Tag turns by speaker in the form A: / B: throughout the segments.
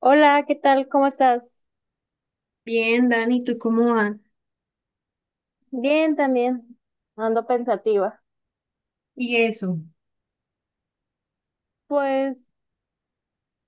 A: Hola, ¿qué tal? ¿Cómo estás?
B: Bien, Dani, ¿tú cómo vas?
A: Bien, también ando pensativa.
B: Y eso.
A: Pues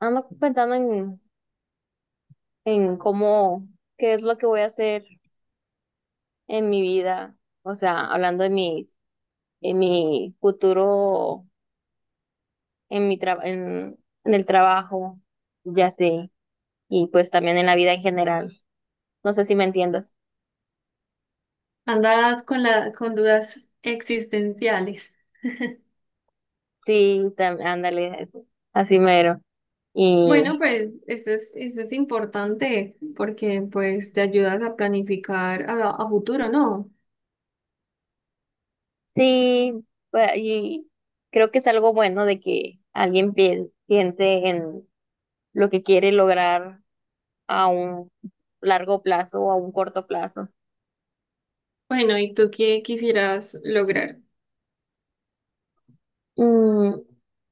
A: ando pensando en cómo, qué es lo que voy a hacer en mi vida, o sea, hablando de mis, en mi futuro, en mi tra- en, en el trabajo, ya sé, y pues también en la vida en general. No sé si me entiendas.
B: Andas con dudas existenciales.
A: Sí, ándale, eso, así mero. Y
B: Bueno, pues eso es importante porque pues te ayudas a planificar a futuro, ¿no?
A: sí, pues, y creo que es algo bueno de que alguien piense en lo que quiere lograr a un largo plazo o a un corto plazo.
B: Bueno, ¿y tú qué quisieras lograr?
A: Mm,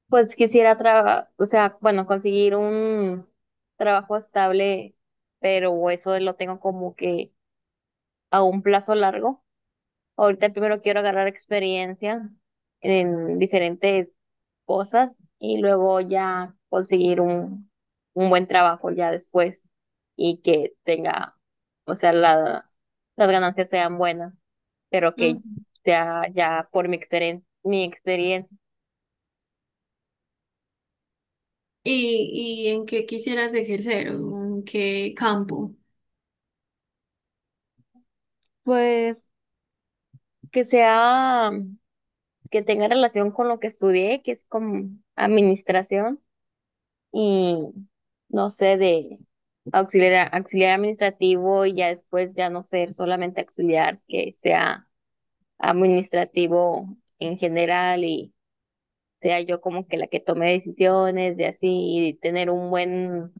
A: pues quisiera trabajar, o sea, bueno, conseguir un trabajo estable, pero eso lo tengo como que a un plazo largo. Ahorita primero quiero agarrar experiencia en diferentes cosas y luego ya conseguir un buen trabajo ya después y que tenga, o sea, la, las ganancias sean buenas, pero que
B: Mm.
A: sea ya por mi experiencia,
B: ¿Y en qué quisieras ejercer? ¿En qué campo?
A: pues que sea, que tenga relación con lo que estudié, que es como administración y no sé, de auxiliar, auxiliar administrativo y ya después ya no ser solamente auxiliar, que sea administrativo en general y sea yo como que la que tome decisiones de así y tener un buen,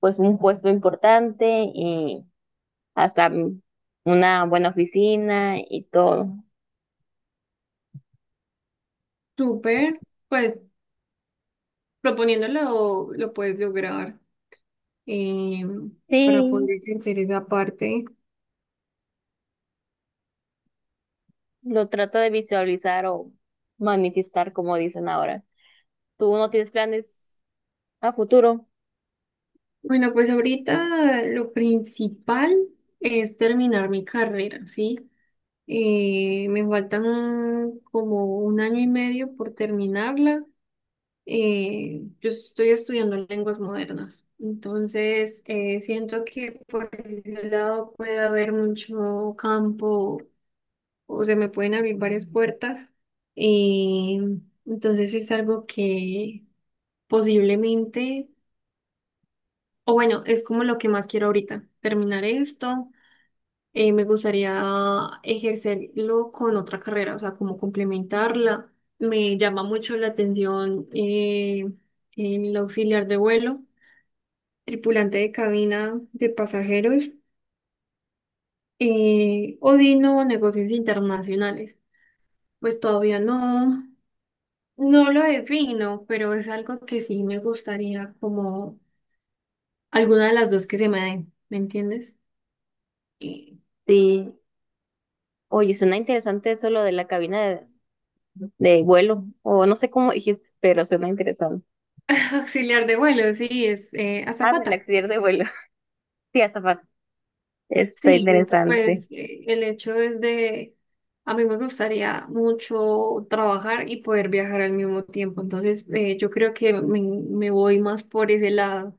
A: pues un puesto importante y hasta una buena oficina y todo.
B: Súper, pues proponiéndolo lo puedes lograr em, para
A: Sí,
B: poder ejercer esa parte.
A: lo trato de visualizar o manifestar como dicen ahora. ¿Tú no tienes planes a futuro?
B: Bueno, pues ahorita lo principal es terminar mi carrera, ¿sí? Me faltan como un año y medio por terminarla. Yo estoy estudiando lenguas modernas, entonces siento que por ese lado puede haber mucho campo o se me pueden abrir varias puertas. Eh, entonces es algo que posiblemente... O bueno, es como lo que más quiero ahorita, terminar esto. Me gustaría ejercerlo con otra carrera, o sea, como complementarla. Me llama mucho la atención el auxiliar de vuelo, tripulante de cabina de pasajeros, o Dino, negocios internacionales. Pues todavía no, no lo defino, pero es algo que sí me gustaría como alguna de las dos que se me den, ¿me entiendes? Y
A: Sí. Oye, suena interesante eso lo de la cabina de vuelo, o no sé cómo dijiste, pero suena interesante.
B: auxiliar de vuelo, sí, es
A: Ah, del
B: azafata.
A: accidente de vuelo. Sí, azafata. Está
B: Sí,
A: interesante.
B: pues el hecho es de, a mí me gustaría mucho trabajar y poder viajar al mismo tiempo, entonces yo creo que me voy más por ese lado.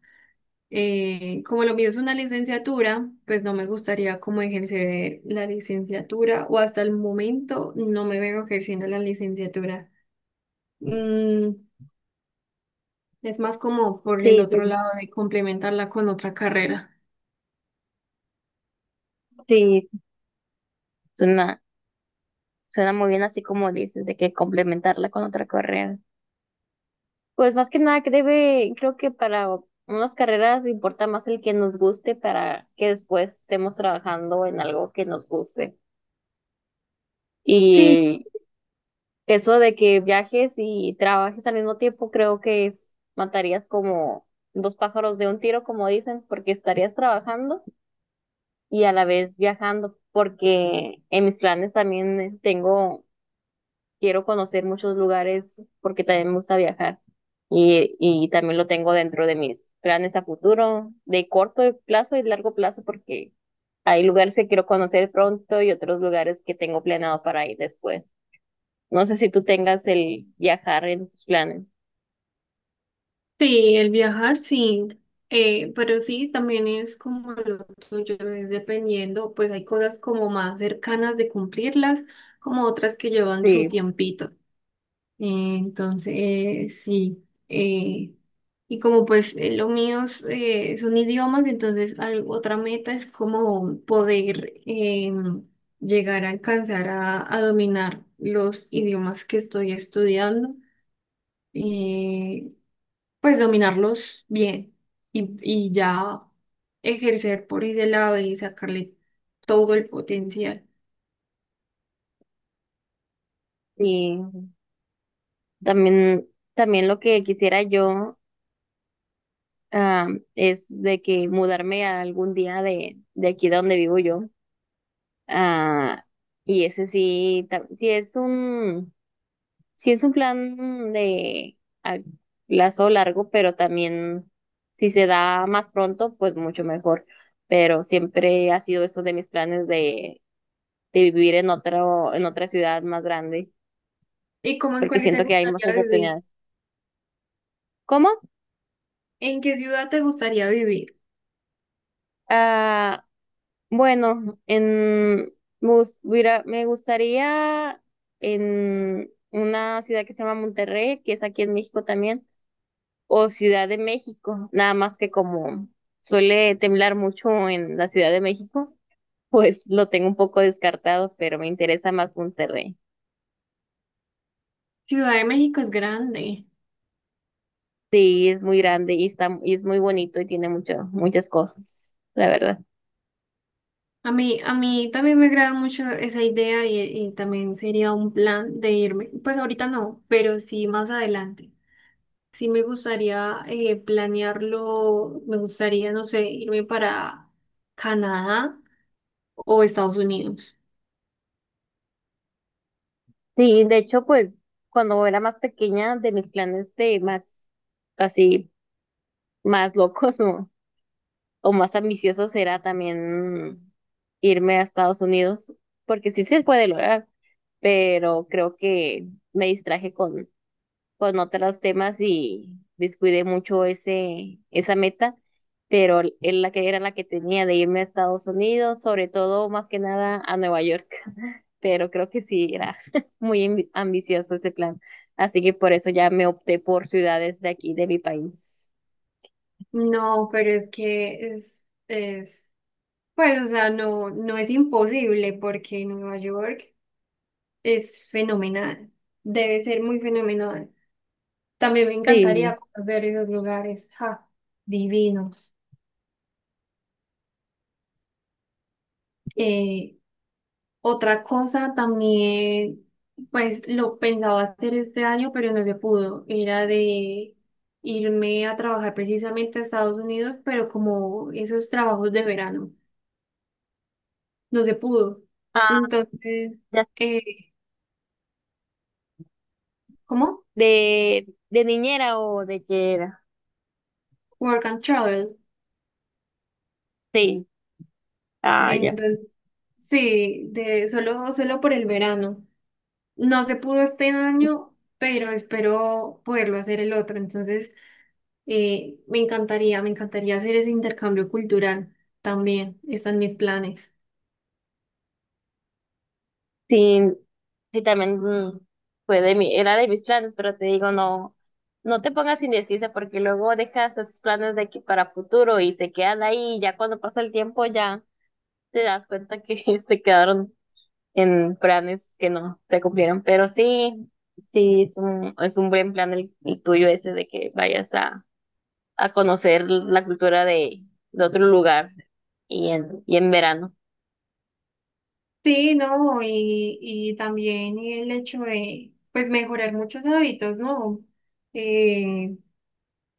B: Como lo mío es una licenciatura, pues no me gustaría como ejercer la licenciatura o hasta el momento no me veo ejerciendo la licenciatura. Mm, es más como por el
A: Sí, sí,
B: otro lado de complementarla con otra carrera.
A: sí, suena, suena muy bien así como dices, de que complementarla con otra carrera. Pues más que nada que debe, creo que para unas carreras importa más el que nos guste para que después estemos trabajando en algo que nos guste.
B: Sí,
A: Y eso de que viajes y trabajes al mismo tiempo, creo que es, matarías como dos pájaros de un tiro, como dicen, porque estarías trabajando y a la vez viajando, porque en mis planes también tengo, quiero conocer muchos lugares porque también me gusta viajar y también lo tengo dentro de mis planes a futuro, de corto plazo y largo plazo, porque hay lugares que quiero conocer pronto y otros lugares que tengo planeado para ir después. No sé si tú tengas el viajar en tus planes.
B: sí, el viajar sí, pero sí también es como lo tuyo, es dependiendo, pues hay cosas como más cercanas de cumplirlas, como otras que llevan su
A: Sí,
B: tiempito. Eh, entonces, eh, sí, eh, y como pues lo mío es, son idiomas, entonces al- otra meta es como poder llegar a alcanzar a dominar los idiomas que estoy estudiando. Eh, pues dominarlos bien y ya ejercer por ese lado y sacarle todo el potencial.
A: sí. También, también lo que quisiera yo ah, es de que mudarme a algún día de aquí de donde vivo yo. Ah, y ese sí, sí es un plan de a plazo largo, pero también si se da más pronto, pues mucho mejor. Pero siempre ha sido eso de mis planes de vivir en otro, en otra ciudad más grande,
B: ¿Y cómo en
A: porque
B: cuál te
A: siento que hay más
B: gustaría vivir?
A: oportunidades. ¿Cómo?
B: ¿En qué ciudad te gustaría vivir?
A: Ah, bueno, en, me gustaría en una ciudad que se llama Monterrey, que es aquí en México también, o Ciudad de México, nada más que como suele temblar mucho en la Ciudad de México, pues lo tengo un poco descartado, pero me interesa más Monterrey.
B: Ciudad de México es grande.
A: Sí, es muy grande y está, y es muy bonito y tiene mucho, muchas cosas, la verdad.
B: A mí también me agrada mucho esa idea y también sería un plan de irme. Pues ahorita no, pero sí más adelante. Sí me gustaría planearlo, me gustaría, no sé, irme para Canadá o Estados Unidos.
A: Sí, de hecho, pues cuando era más pequeña, de mis planes de más, así, más locos, ¿no? O más ambicioso será también irme a Estados Unidos, porque sí se puede lograr, pero creo que me distraje con otros temas y descuidé mucho ese, esa meta, pero es la que era la que tenía de irme a Estados Unidos, sobre todo más que nada a Nueva York, pero creo que sí era muy ambicioso ese plan, así que por eso ya me opté por ciudades de aquí, de mi país.
B: No, pero es que es, pues, o sea, no, no es imposible porque Nueva York es fenomenal, debe ser muy fenomenal. También me
A: Sí.
B: encantaría conocer esos lugares, ja, divinos. Eh, Otra cosa también, pues, lo pensaba hacer este año, pero no se pudo, era de irme a trabajar precisamente a Estados Unidos, pero como esos trabajos de verano. No se pudo.
A: Ah,
B: Entonces,
A: ya.
B: eh, ¿cómo?
A: De niñera o de qué era.
B: Work and travel.
A: Sí. Ah, ya.
B: Entonces, sí, de solo por el verano. No se pudo este año, pero espero poderlo hacer el otro. Entonces, me encantaría hacer ese intercambio cultural también. Están mis planes.
A: Sí, sí, también fue de mi, era de mis planes, pero te digo, no, no te pongas indecisa porque luego dejas esos planes de que para futuro y se quedan ahí y ya cuando pasa el tiempo ya te das cuenta que se quedaron en planes que no se cumplieron. Pero sí, sí, es un buen plan el tuyo ese de que vayas a conocer la cultura de otro lugar y en verano.
B: Sí, no, y también el hecho de, pues, mejorar muchos hábitos, ¿no? Eh,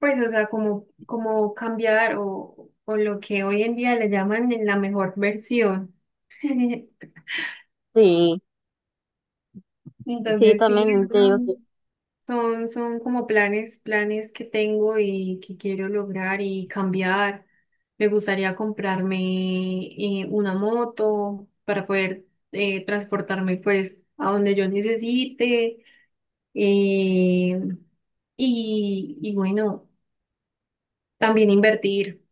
B: Pues, o sea, como, como cambiar o lo que hoy en día le llaman en la mejor versión.
A: Sí, sí,
B: Entonces, sí,
A: también te digo que
B: son, son como planes, planes que tengo y que quiero lograr y cambiar. Me gustaría comprarme una moto para poder transportarme pues a donde yo necesite. eh, y bueno, también invertir.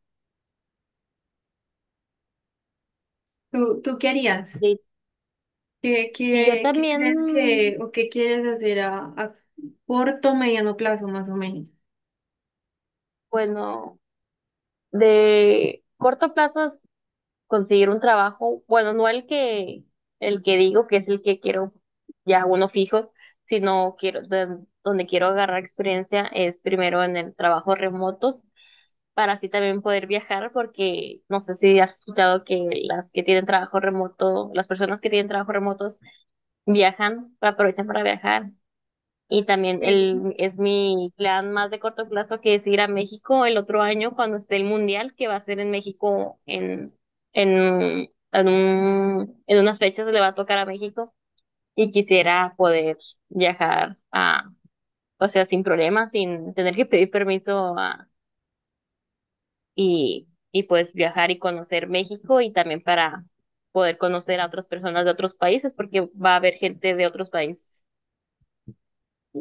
B: ¿Tú qué harías?
A: sí. Sí, yo
B: ¿Qué crees que
A: también,
B: o qué quieres hacer a corto, mediano plazo más o menos?
A: bueno, de corto plazo es conseguir un trabajo, bueno, no el que, el que digo que es el que quiero ya uno fijo, sino quiero, donde quiero agarrar experiencia es primero en el trabajo remotos para así también poder viajar, porque no sé si has escuchado que las que tienen trabajo remoto, las personas que tienen trabajo remotos viajan, aprovechan para viajar. Y también
B: Sí.
A: el, es mi plan más de corto plazo que es ir a México el otro año cuando esté el Mundial, que va a ser en México en unas fechas le va a tocar a México y quisiera poder viajar a, o sea, sin problemas, sin tener que pedir permiso y pues viajar y conocer México y también para poder conocer a otras personas de otros países porque va a haber gente de otros países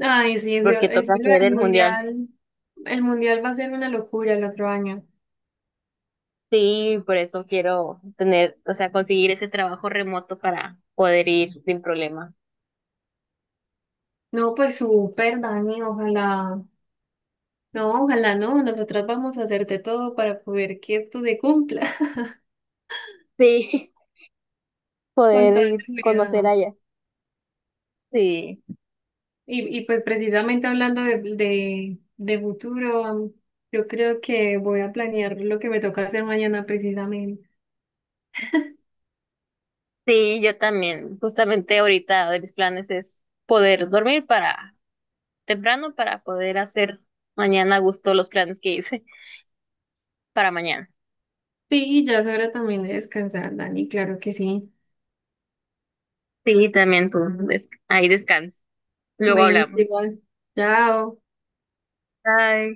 B: Ay, sí,
A: porque
B: eso
A: toca
B: lo
A: hacer
B: del
A: el mundial.
B: mundial. El mundial va a ser una locura el otro año.
A: Sí, por eso quiero tener, o sea, conseguir ese trabajo remoto para poder ir sin problema.
B: No, pues súper, Dani, ojalá. No, ojalá no. Nosotras vamos a hacerte todo para poder que esto se cumpla
A: Sí,
B: con
A: poder
B: toda
A: ir
B: la
A: conocer
B: ¿no?
A: allá. Sí,
B: Y pues precisamente hablando de, de futuro, yo creo que voy a planear lo que me toca hacer mañana precisamente.
A: sí, yo también. Justamente ahorita de mis planes es poder dormir para temprano para poder hacer mañana a gusto los planes que hice para mañana.
B: Sí, ya es hora también de descansar, Dani, claro que sí.
A: Sí, también tú. Ahí descansa. Luego
B: Bueno,
A: hablamos.
B: igual. Chao.
A: Bye.